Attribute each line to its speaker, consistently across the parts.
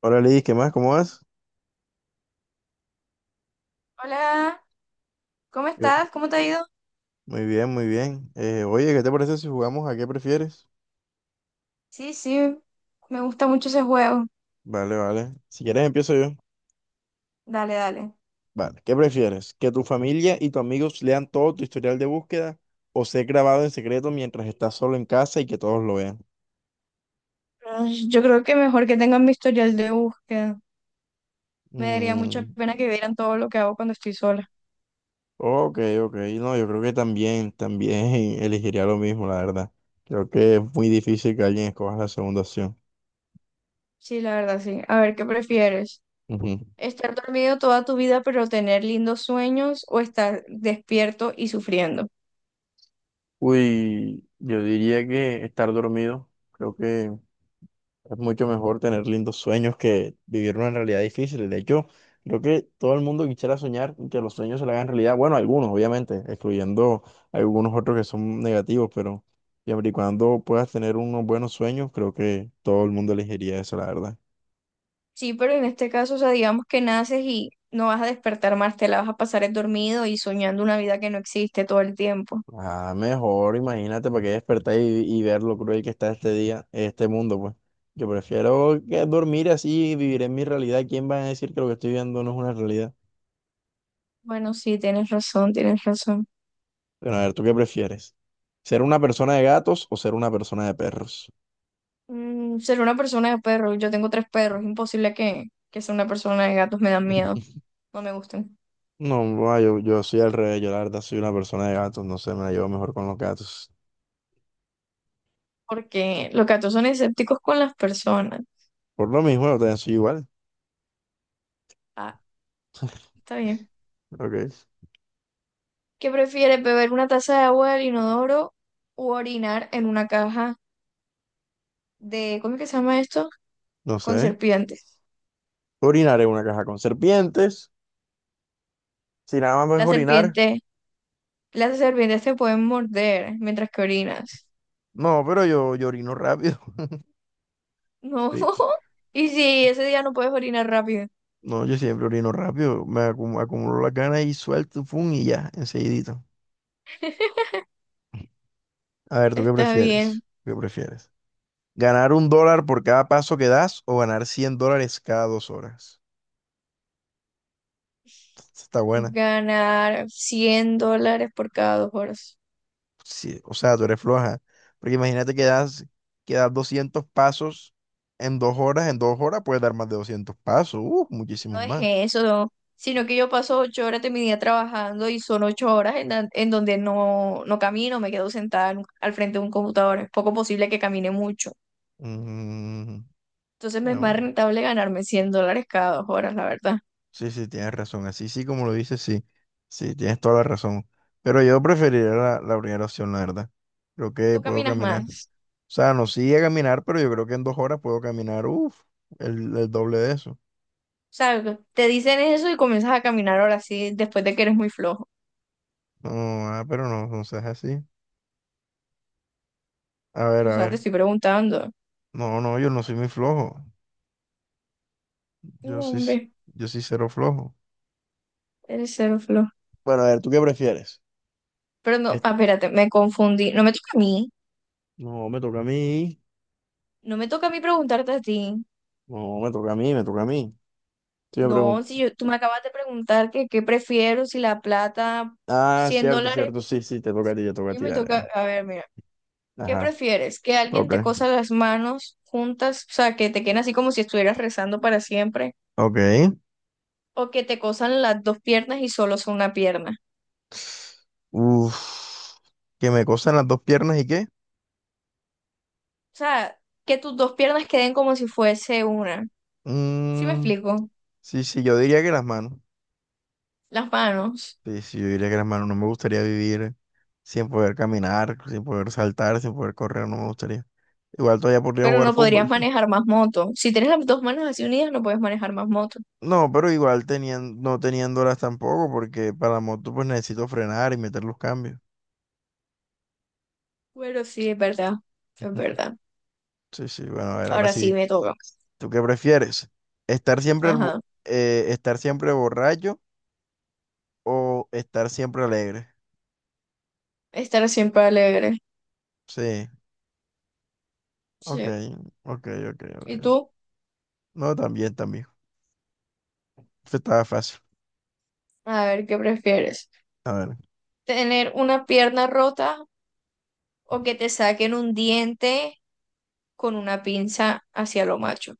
Speaker 1: Hola Lidis, ¿qué más? ¿Cómo vas?
Speaker 2: Hola, ¿cómo
Speaker 1: Yo-
Speaker 2: estás? ¿Cómo te ha ido?
Speaker 1: Muy bien, muy bien. Oye, ¿qué te parece si jugamos a qué prefieres?
Speaker 2: Sí, sí, me gusta mucho ese juego.
Speaker 1: Vale, vale. Si quieres empiezo yo.
Speaker 2: Dale, dale.
Speaker 1: Vale, ¿qué prefieres? ¿Que tu familia y tus amigos lean todo tu historial de búsqueda o ser grabado en secreto mientras estás solo en casa y que todos lo vean?
Speaker 2: Pero yo creo que mejor que tengan mi historial de búsqueda. Me daría mucha
Speaker 1: Mm,
Speaker 2: pena que vieran todo lo que hago cuando estoy sola.
Speaker 1: ok, ok. No, yo creo que también elegiría lo mismo, la verdad. Creo que es muy difícil que alguien escoja la segunda opción.
Speaker 2: Sí, la verdad, sí. A ver, ¿qué prefieres?
Speaker 1: Ujú.
Speaker 2: ¿Estar dormido toda tu vida pero tener lindos sueños o estar despierto y sufriendo?
Speaker 1: Uy, yo diría que estar dormido. Creo que es mucho mejor tener lindos sueños que vivir una realidad difícil. De hecho, creo que todo el mundo quisiera soñar y que los sueños se le hagan realidad. Bueno, algunos, obviamente, excluyendo algunos otros que son negativos, pero siempre y cuando puedas tener unos buenos sueños, creo que todo el mundo elegiría eso, la verdad.
Speaker 2: Sí, pero en este caso, o sea, digamos que naces y no vas a despertar más, te la vas a pasar dormido y soñando una vida que no existe todo el tiempo.
Speaker 1: Ah, mejor, imagínate para que despertar y ver lo cruel que está este día, este mundo, pues. Yo prefiero que dormir así y vivir en mi realidad. ¿Quién va a decir que lo que estoy viendo no es una realidad?
Speaker 2: Bueno, sí, tienes razón, tienes razón.
Speaker 1: Bueno, a ver, ¿tú qué prefieres? ¿Ser una persona de gatos o ser una persona de perros?
Speaker 2: Mm, ser una persona de perros. Yo tengo tres perros. Es imposible que sea una persona de gatos. Me dan miedo. No me gustan.
Speaker 1: No, no, yo soy al revés, yo la verdad soy una persona de gatos, no sé, me la llevo mejor con los gatos.
Speaker 2: Porque los gatos son escépticos con las personas.
Speaker 1: Por lo mismo, yo también soy igual,
Speaker 2: Ah, está bien.
Speaker 1: ok,
Speaker 2: ¿Qué prefieres, beber una taza de agua del inodoro o orinar en una caja de, ¿cómo es que se llama esto?
Speaker 1: no
Speaker 2: Con
Speaker 1: sé.
Speaker 2: serpientes.
Speaker 1: Orinar en una caja con serpientes, si nada más es
Speaker 2: Las
Speaker 1: orinar.
Speaker 2: serpientes, las serpientes te pueden morder mientras que orinas.
Speaker 1: No, pero yo orino rápido.
Speaker 2: No.
Speaker 1: Sí.
Speaker 2: Y si ese día no puedes orinar rápido,
Speaker 1: No, yo siempre orino rápido, me acumulo las ganas y suelto, pum, y ya, enseguidito. A ver, ¿tú qué
Speaker 2: está bien.
Speaker 1: prefieres? ¿Qué prefieres? ¿Ganar $1 por cada paso que das o ganar $100 cada 2 horas? Esta Está buena.
Speaker 2: Ganar $100 por cada 2 horas.
Speaker 1: Sí, o sea, tú eres floja. Porque imagínate que das 200 pasos en 2 horas. En dos horas puedes dar más de 200 pasos. Muchísimos
Speaker 2: No es
Speaker 1: más.
Speaker 2: eso, no, sino que yo paso 8 horas de mi día trabajando y son 8 horas en donde no camino, me quedo sentada al frente de un computador. Es poco posible que camine mucho.
Speaker 1: Mm,
Speaker 2: Entonces me es más
Speaker 1: bueno,
Speaker 2: rentable ganarme $100 cada 2 horas, la verdad.
Speaker 1: sí, sí, tienes razón. Así sí, como lo dices, sí. Sí, tienes toda la razón. Pero yo preferiría la primera opción, la verdad. Creo que
Speaker 2: Tú
Speaker 1: puedo
Speaker 2: caminas
Speaker 1: caminar. O
Speaker 2: más.
Speaker 1: sea, no sigue a caminar, pero yo creo que en 2 horas puedo caminar, uff, el doble de eso.
Speaker 2: O sea, te dicen eso y comienzas a caminar ahora sí, después de que eres muy flojo.
Speaker 1: No, pero no, no seas así. A ver,
Speaker 2: O
Speaker 1: a
Speaker 2: sea, te
Speaker 1: ver.
Speaker 2: estoy preguntando.
Speaker 1: No, no, yo no soy muy flojo.
Speaker 2: No,
Speaker 1: Yo sí,
Speaker 2: hombre,
Speaker 1: yo sí cero flojo.
Speaker 2: eres cero flojo.
Speaker 1: Bueno, a ver, ¿tú qué prefieres?
Speaker 2: Pero no,
Speaker 1: Es-
Speaker 2: ah, espérate, me confundí. No me toca a mí.
Speaker 1: No, me toca a mí.
Speaker 2: No me toca a mí preguntarte a ti.
Speaker 1: No, me toca a mí, me toca a mí. Sí, me
Speaker 2: No,
Speaker 1: pregunto.
Speaker 2: si yo, tú me acabas de preguntar que qué prefiero, si la plata,
Speaker 1: Ah,
Speaker 2: 100
Speaker 1: cierto,
Speaker 2: dólares,
Speaker 1: cierto. Sí, sí, te toca a ti, te toca a
Speaker 2: ¿qué
Speaker 1: ti.
Speaker 2: me
Speaker 1: Dale,
Speaker 2: toca?
Speaker 1: dale.
Speaker 2: A ver, mira, ¿qué
Speaker 1: Ajá.
Speaker 2: prefieres? ¿Que alguien
Speaker 1: Ok.
Speaker 2: te cosa las manos juntas, o sea, que te queden así como si estuvieras rezando para siempre?
Speaker 1: Ok.
Speaker 2: ¿O que te cosan las dos piernas y solo son una pierna?
Speaker 1: Uf. Que me cosan las dos piernas y qué.
Speaker 2: O sea, que tus dos piernas queden como si fuese una. ¿Sí me
Speaker 1: Mm,
Speaker 2: explico?
Speaker 1: sí, sí, yo diría que las manos.
Speaker 2: Las manos.
Speaker 1: Sí, sí, yo diría que las manos no me gustaría vivir sin poder caminar, sin poder saltar, sin poder correr, no me gustaría. Igual todavía podría
Speaker 2: Pero
Speaker 1: jugar
Speaker 2: no podrías
Speaker 1: fútbol.
Speaker 2: manejar más moto. Si tienes las dos manos así unidas, no puedes manejar más moto.
Speaker 1: No, pero igual teniendo, no teniéndolas tampoco, porque para la moto pues necesito frenar y meter los cambios.
Speaker 2: Bueno, sí, es verdad, es verdad.
Speaker 1: Sí, sí, bueno, a ver, ahora
Speaker 2: Ahora sí
Speaker 1: sí.
Speaker 2: me toca.
Speaker 1: ¿Tú qué prefieres? ¿Estar siempre,
Speaker 2: Ajá.
Speaker 1: estar siempre borracho o estar siempre alegre?
Speaker 2: Estar siempre alegre.
Speaker 1: Sí, ok,
Speaker 2: Sí.
Speaker 1: ok, ok, ok.
Speaker 2: ¿Y tú?
Speaker 1: No, también, también. Esto estaba fácil.
Speaker 2: A ver, ¿qué prefieres?
Speaker 1: A ver.
Speaker 2: ¿Tener una pierna rota o que te saquen un diente con una pinza hacia lo macho?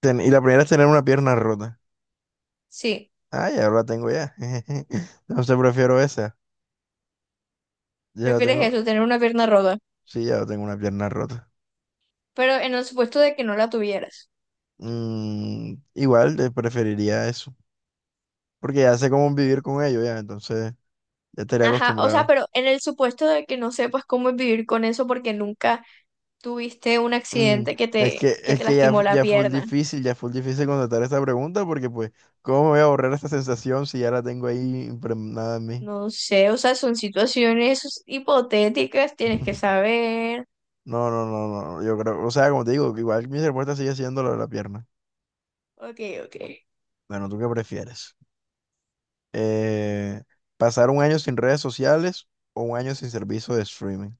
Speaker 1: Y la primera es tener una pierna rota.
Speaker 2: Sí,
Speaker 1: Ah, ya la tengo ya. No sé, prefiero esa. Ya la
Speaker 2: prefieres
Speaker 1: tengo.
Speaker 2: eso, tener una pierna rota,
Speaker 1: Sí, ya la tengo una pierna rota.
Speaker 2: pero en el supuesto de que no la tuvieras.
Speaker 1: Igual preferiría eso. Porque ya sé cómo vivir con ello ya. Entonces ya estaría
Speaker 2: Ajá, o sea,
Speaker 1: acostumbrado.
Speaker 2: pero en el supuesto de que no sepas cómo es vivir con eso porque nunca tuviste un
Speaker 1: Mm,
Speaker 2: accidente que
Speaker 1: es
Speaker 2: te,
Speaker 1: que,
Speaker 2: que
Speaker 1: es
Speaker 2: te
Speaker 1: que ya,
Speaker 2: lastimó la pierna.
Speaker 1: ya fue difícil contestar esta pregunta porque pues, ¿cómo me voy a borrar esta sensación si ya la tengo ahí impregnada en mí?
Speaker 2: No sé, o sea, son situaciones hipotéticas, tienes que saber.
Speaker 1: No, no, no, no. Yo creo, o sea, como te digo, igual mi respuesta sigue siendo la de la pierna.
Speaker 2: Ok, ok.
Speaker 1: Bueno, ¿tú qué prefieres? eh, Pasar un año sin redes sociales o un año sin servicio de streaming.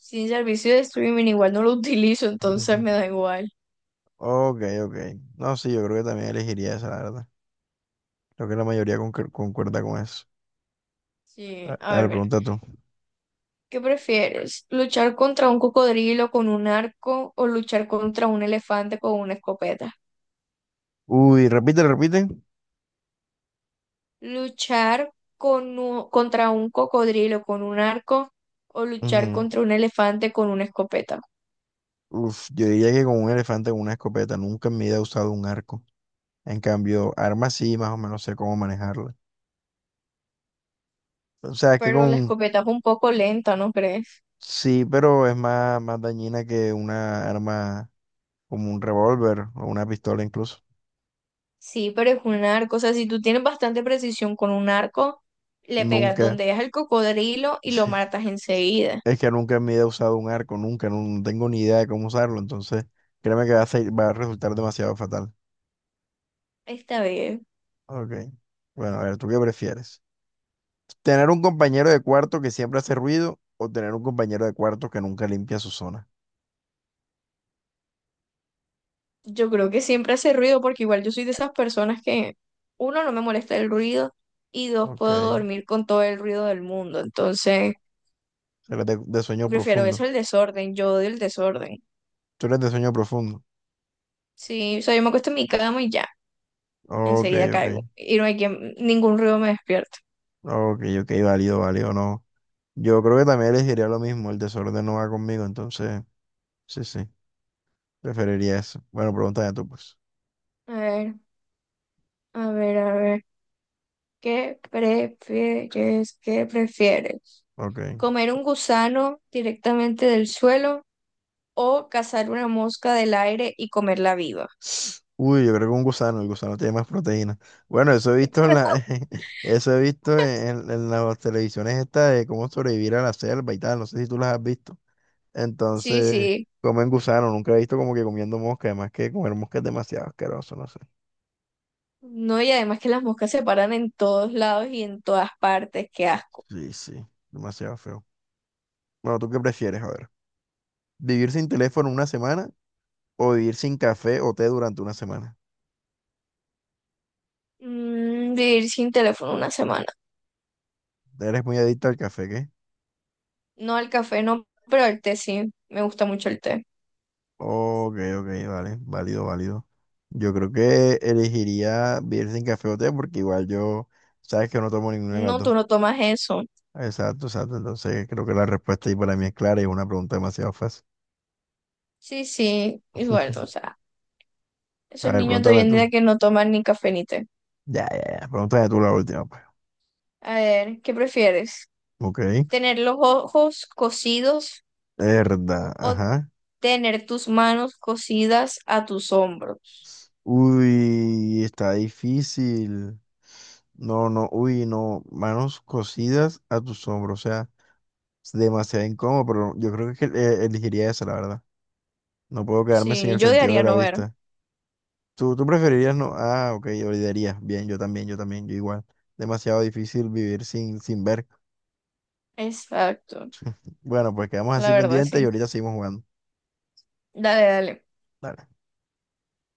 Speaker 2: Sin servicio de streaming igual no lo utilizo, entonces
Speaker 1: Ujú.
Speaker 2: me da igual.
Speaker 1: Ok, ok. No, sí, yo creo que también elegiría esa, la verdad. Creo que la mayoría concuerda con eso.
Speaker 2: Sí, a
Speaker 1: A
Speaker 2: ver,
Speaker 1: ver,
Speaker 2: mira.
Speaker 1: pregunta tú.
Speaker 2: ¿Qué prefieres? ¿Luchar contra un cocodrilo con un arco o luchar contra un elefante con una escopeta?
Speaker 1: Uy, repite, repite.
Speaker 2: ¿Luchar contra un cocodrilo con un arco o luchar
Speaker 1: Ujú.
Speaker 2: contra un elefante con una escopeta?
Speaker 1: Uf, yo diría que con un elefante con una escopeta. Nunca en mi vida he usado un arco. En cambio, armas sí, más o menos sé cómo manejarla. O sea, es que
Speaker 2: Pero la
Speaker 1: con...
Speaker 2: escopeta es un poco lenta, ¿no crees?
Speaker 1: Sí, pero es más, más dañina que una arma como un revólver o una pistola incluso.
Speaker 2: Sí, pero es un arco. O sea, si tú tienes bastante precisión con un arco, le pegas
Speaker 1: Nunca.
Speaker 2: donde es el cocodrilo y lo
Speaker 1: Sí.
Speaker 2: matas enseguida.
Speaker 1: Es que nunca en mi vida he usado un arco, nunca, no, no tengo ni idea de cómo usarlo, entonces créeme que va a resultar demasiado fatal.
Speaker 2: Esta vez,
Speaker 1: Ok. Bueno, a ver, ¿tú qué prefieres? ¿Tener un compañero de cuarto que siempre hace ruido o tener un compañero de cuarto que nunca limpia su zona?
Speaker 2: yo creo que siempre hace ruido porque igual yo soy de esas personas que, uno, no me molesta el ruido y dos,
Speaker 1: Ok.
Speaker 2: puedo
Speaker 1: Eres
Speaker 2: dormir con todo el ruido del mundo. Entonces,
Speaker 1: de sueño
Speaker 2: prefiero eso
Speaker 1: profundo.
Speaker 2: al desorden. Yo odio el desorden.
Speaker 1: Tú eres de sueño profundo.
Speaker 2: Sí, o sea, yo me acuesto en mi cama y ya,
Speaker 1: Ok,
Speaker 2: enseguida
Speaker 1: ok.
Speaker 2: caigo. Y no hay quien, ningún ruido me despierta.
Speaker 1: Ok, ok, válido, válido, no. Yo creo que también elegiría lo mismo, el desorden no va conmigo, entonces, sí, sí, preferiría eso. Bueno, pregúntame tú, pues.
Speaker 2: A ver, a ver, a ver. ¿Qué prefieres? ¿Qué prefieres?
Speaker 1: Ok.
Speaker 2: ¿Comer un gusano directamente del suelo o cazar una mosca del aire y comerla viva?
Speaker 1: Uy, yo creo que un gusano, el gusano tiene más proteína. Bueno, eso he visto en la, eso he visto en las televisiones estas de cómo sobrevivir a la selva y tal, no sé si tú las has visto.
Speaker 2: Sí,
Speaker 1: Entonces,
Speaker 2: sí.
Speaker 1: comen gusano, nunca he visto como que comiendo mosca, además que comer mosca es demasiado asqueroso, no sé.
Speaker 2: No, y además que las moscas se paran en todos lados y en todas partes. Qué asco.
Speaker 1: Sí, sí, demasiado feo. Bueno, ¿tú qué prefieres? A ver, ¿vivir sin teléfono una semana o vivir sin café o té durante una semana?
Speaker 2: Mm, vivir sin teléfono una semana.
Speaker 1: Eres muy adicto al café, ¿qué?
Speaker 2: No, al café no, pero al té sí. Me gusta mucho el té.
Speaker 1: Ok, ok, vale, válido, válido. Yo creo que elegiría vivir sin café o té porque igual yo, sabes que no tomo ninguna de las
Speaker 2: No,
Speaker 1: dos.
Speaker 2: tú no tomas eso.
Speaker 1: Exacto, exacto. Entonces creo que la respuesta ahí para mí es clara y es una pregunta demasiado fácil.
Speaker 2: Sí, sí. Igual, o sea,
Speaker 1: A
Speaker 2: esos
Speaker 1: ver,
Speaker 2: niños de hoy
Speaker 1: pregúntame
Speaker 2: en
Speaker 1: tú.
Speaker 2: día que no toman ni café ni té.
Speaker 1: Ya, ya, ya. Pregúntame tú la última, pues.
Speaker 2: A ver, ¿qué prefieres?
Speaker 1: Ok.
Speaker 2: Tener los ojos cosidos
Speaker 1: Verdad,
Speaker 2: o
Speaker 1: ajá.
Speaker 2: tener tus manos cosidas a tus hombros.
Speaker 1: Uy, está difícil. No, no, uy, no. Manos cosidas a tus hombros. O sea, es demasiado incómodo, pero yo creo que elegiría esa, la verdad. No puedo quedarme sin
Speaker 2: Sí,
Speaker 1: el
Speaker 2: yo
Speaker 1: sentido de
Speaker 2: diría
Speaker 1: la
Speaker 2: no ver.
Speaker 1: vista. ¿Tú preferirías no? Ah, ok, olvidarías. Bien, yo también, yo también, yo igual. Demasiado difícil vivir sin, sin ver.
Speaker 2: Exacto,
Speaker 1: Bueno, pues quedamos así
Speaker 2: la verdad,
Speaker 1: pendientes y
Speaker 2: sí.
Speaker 1: ahorita seguimos jugando.
Speaker 2: Dale, dale.
Speaker 1: Dale.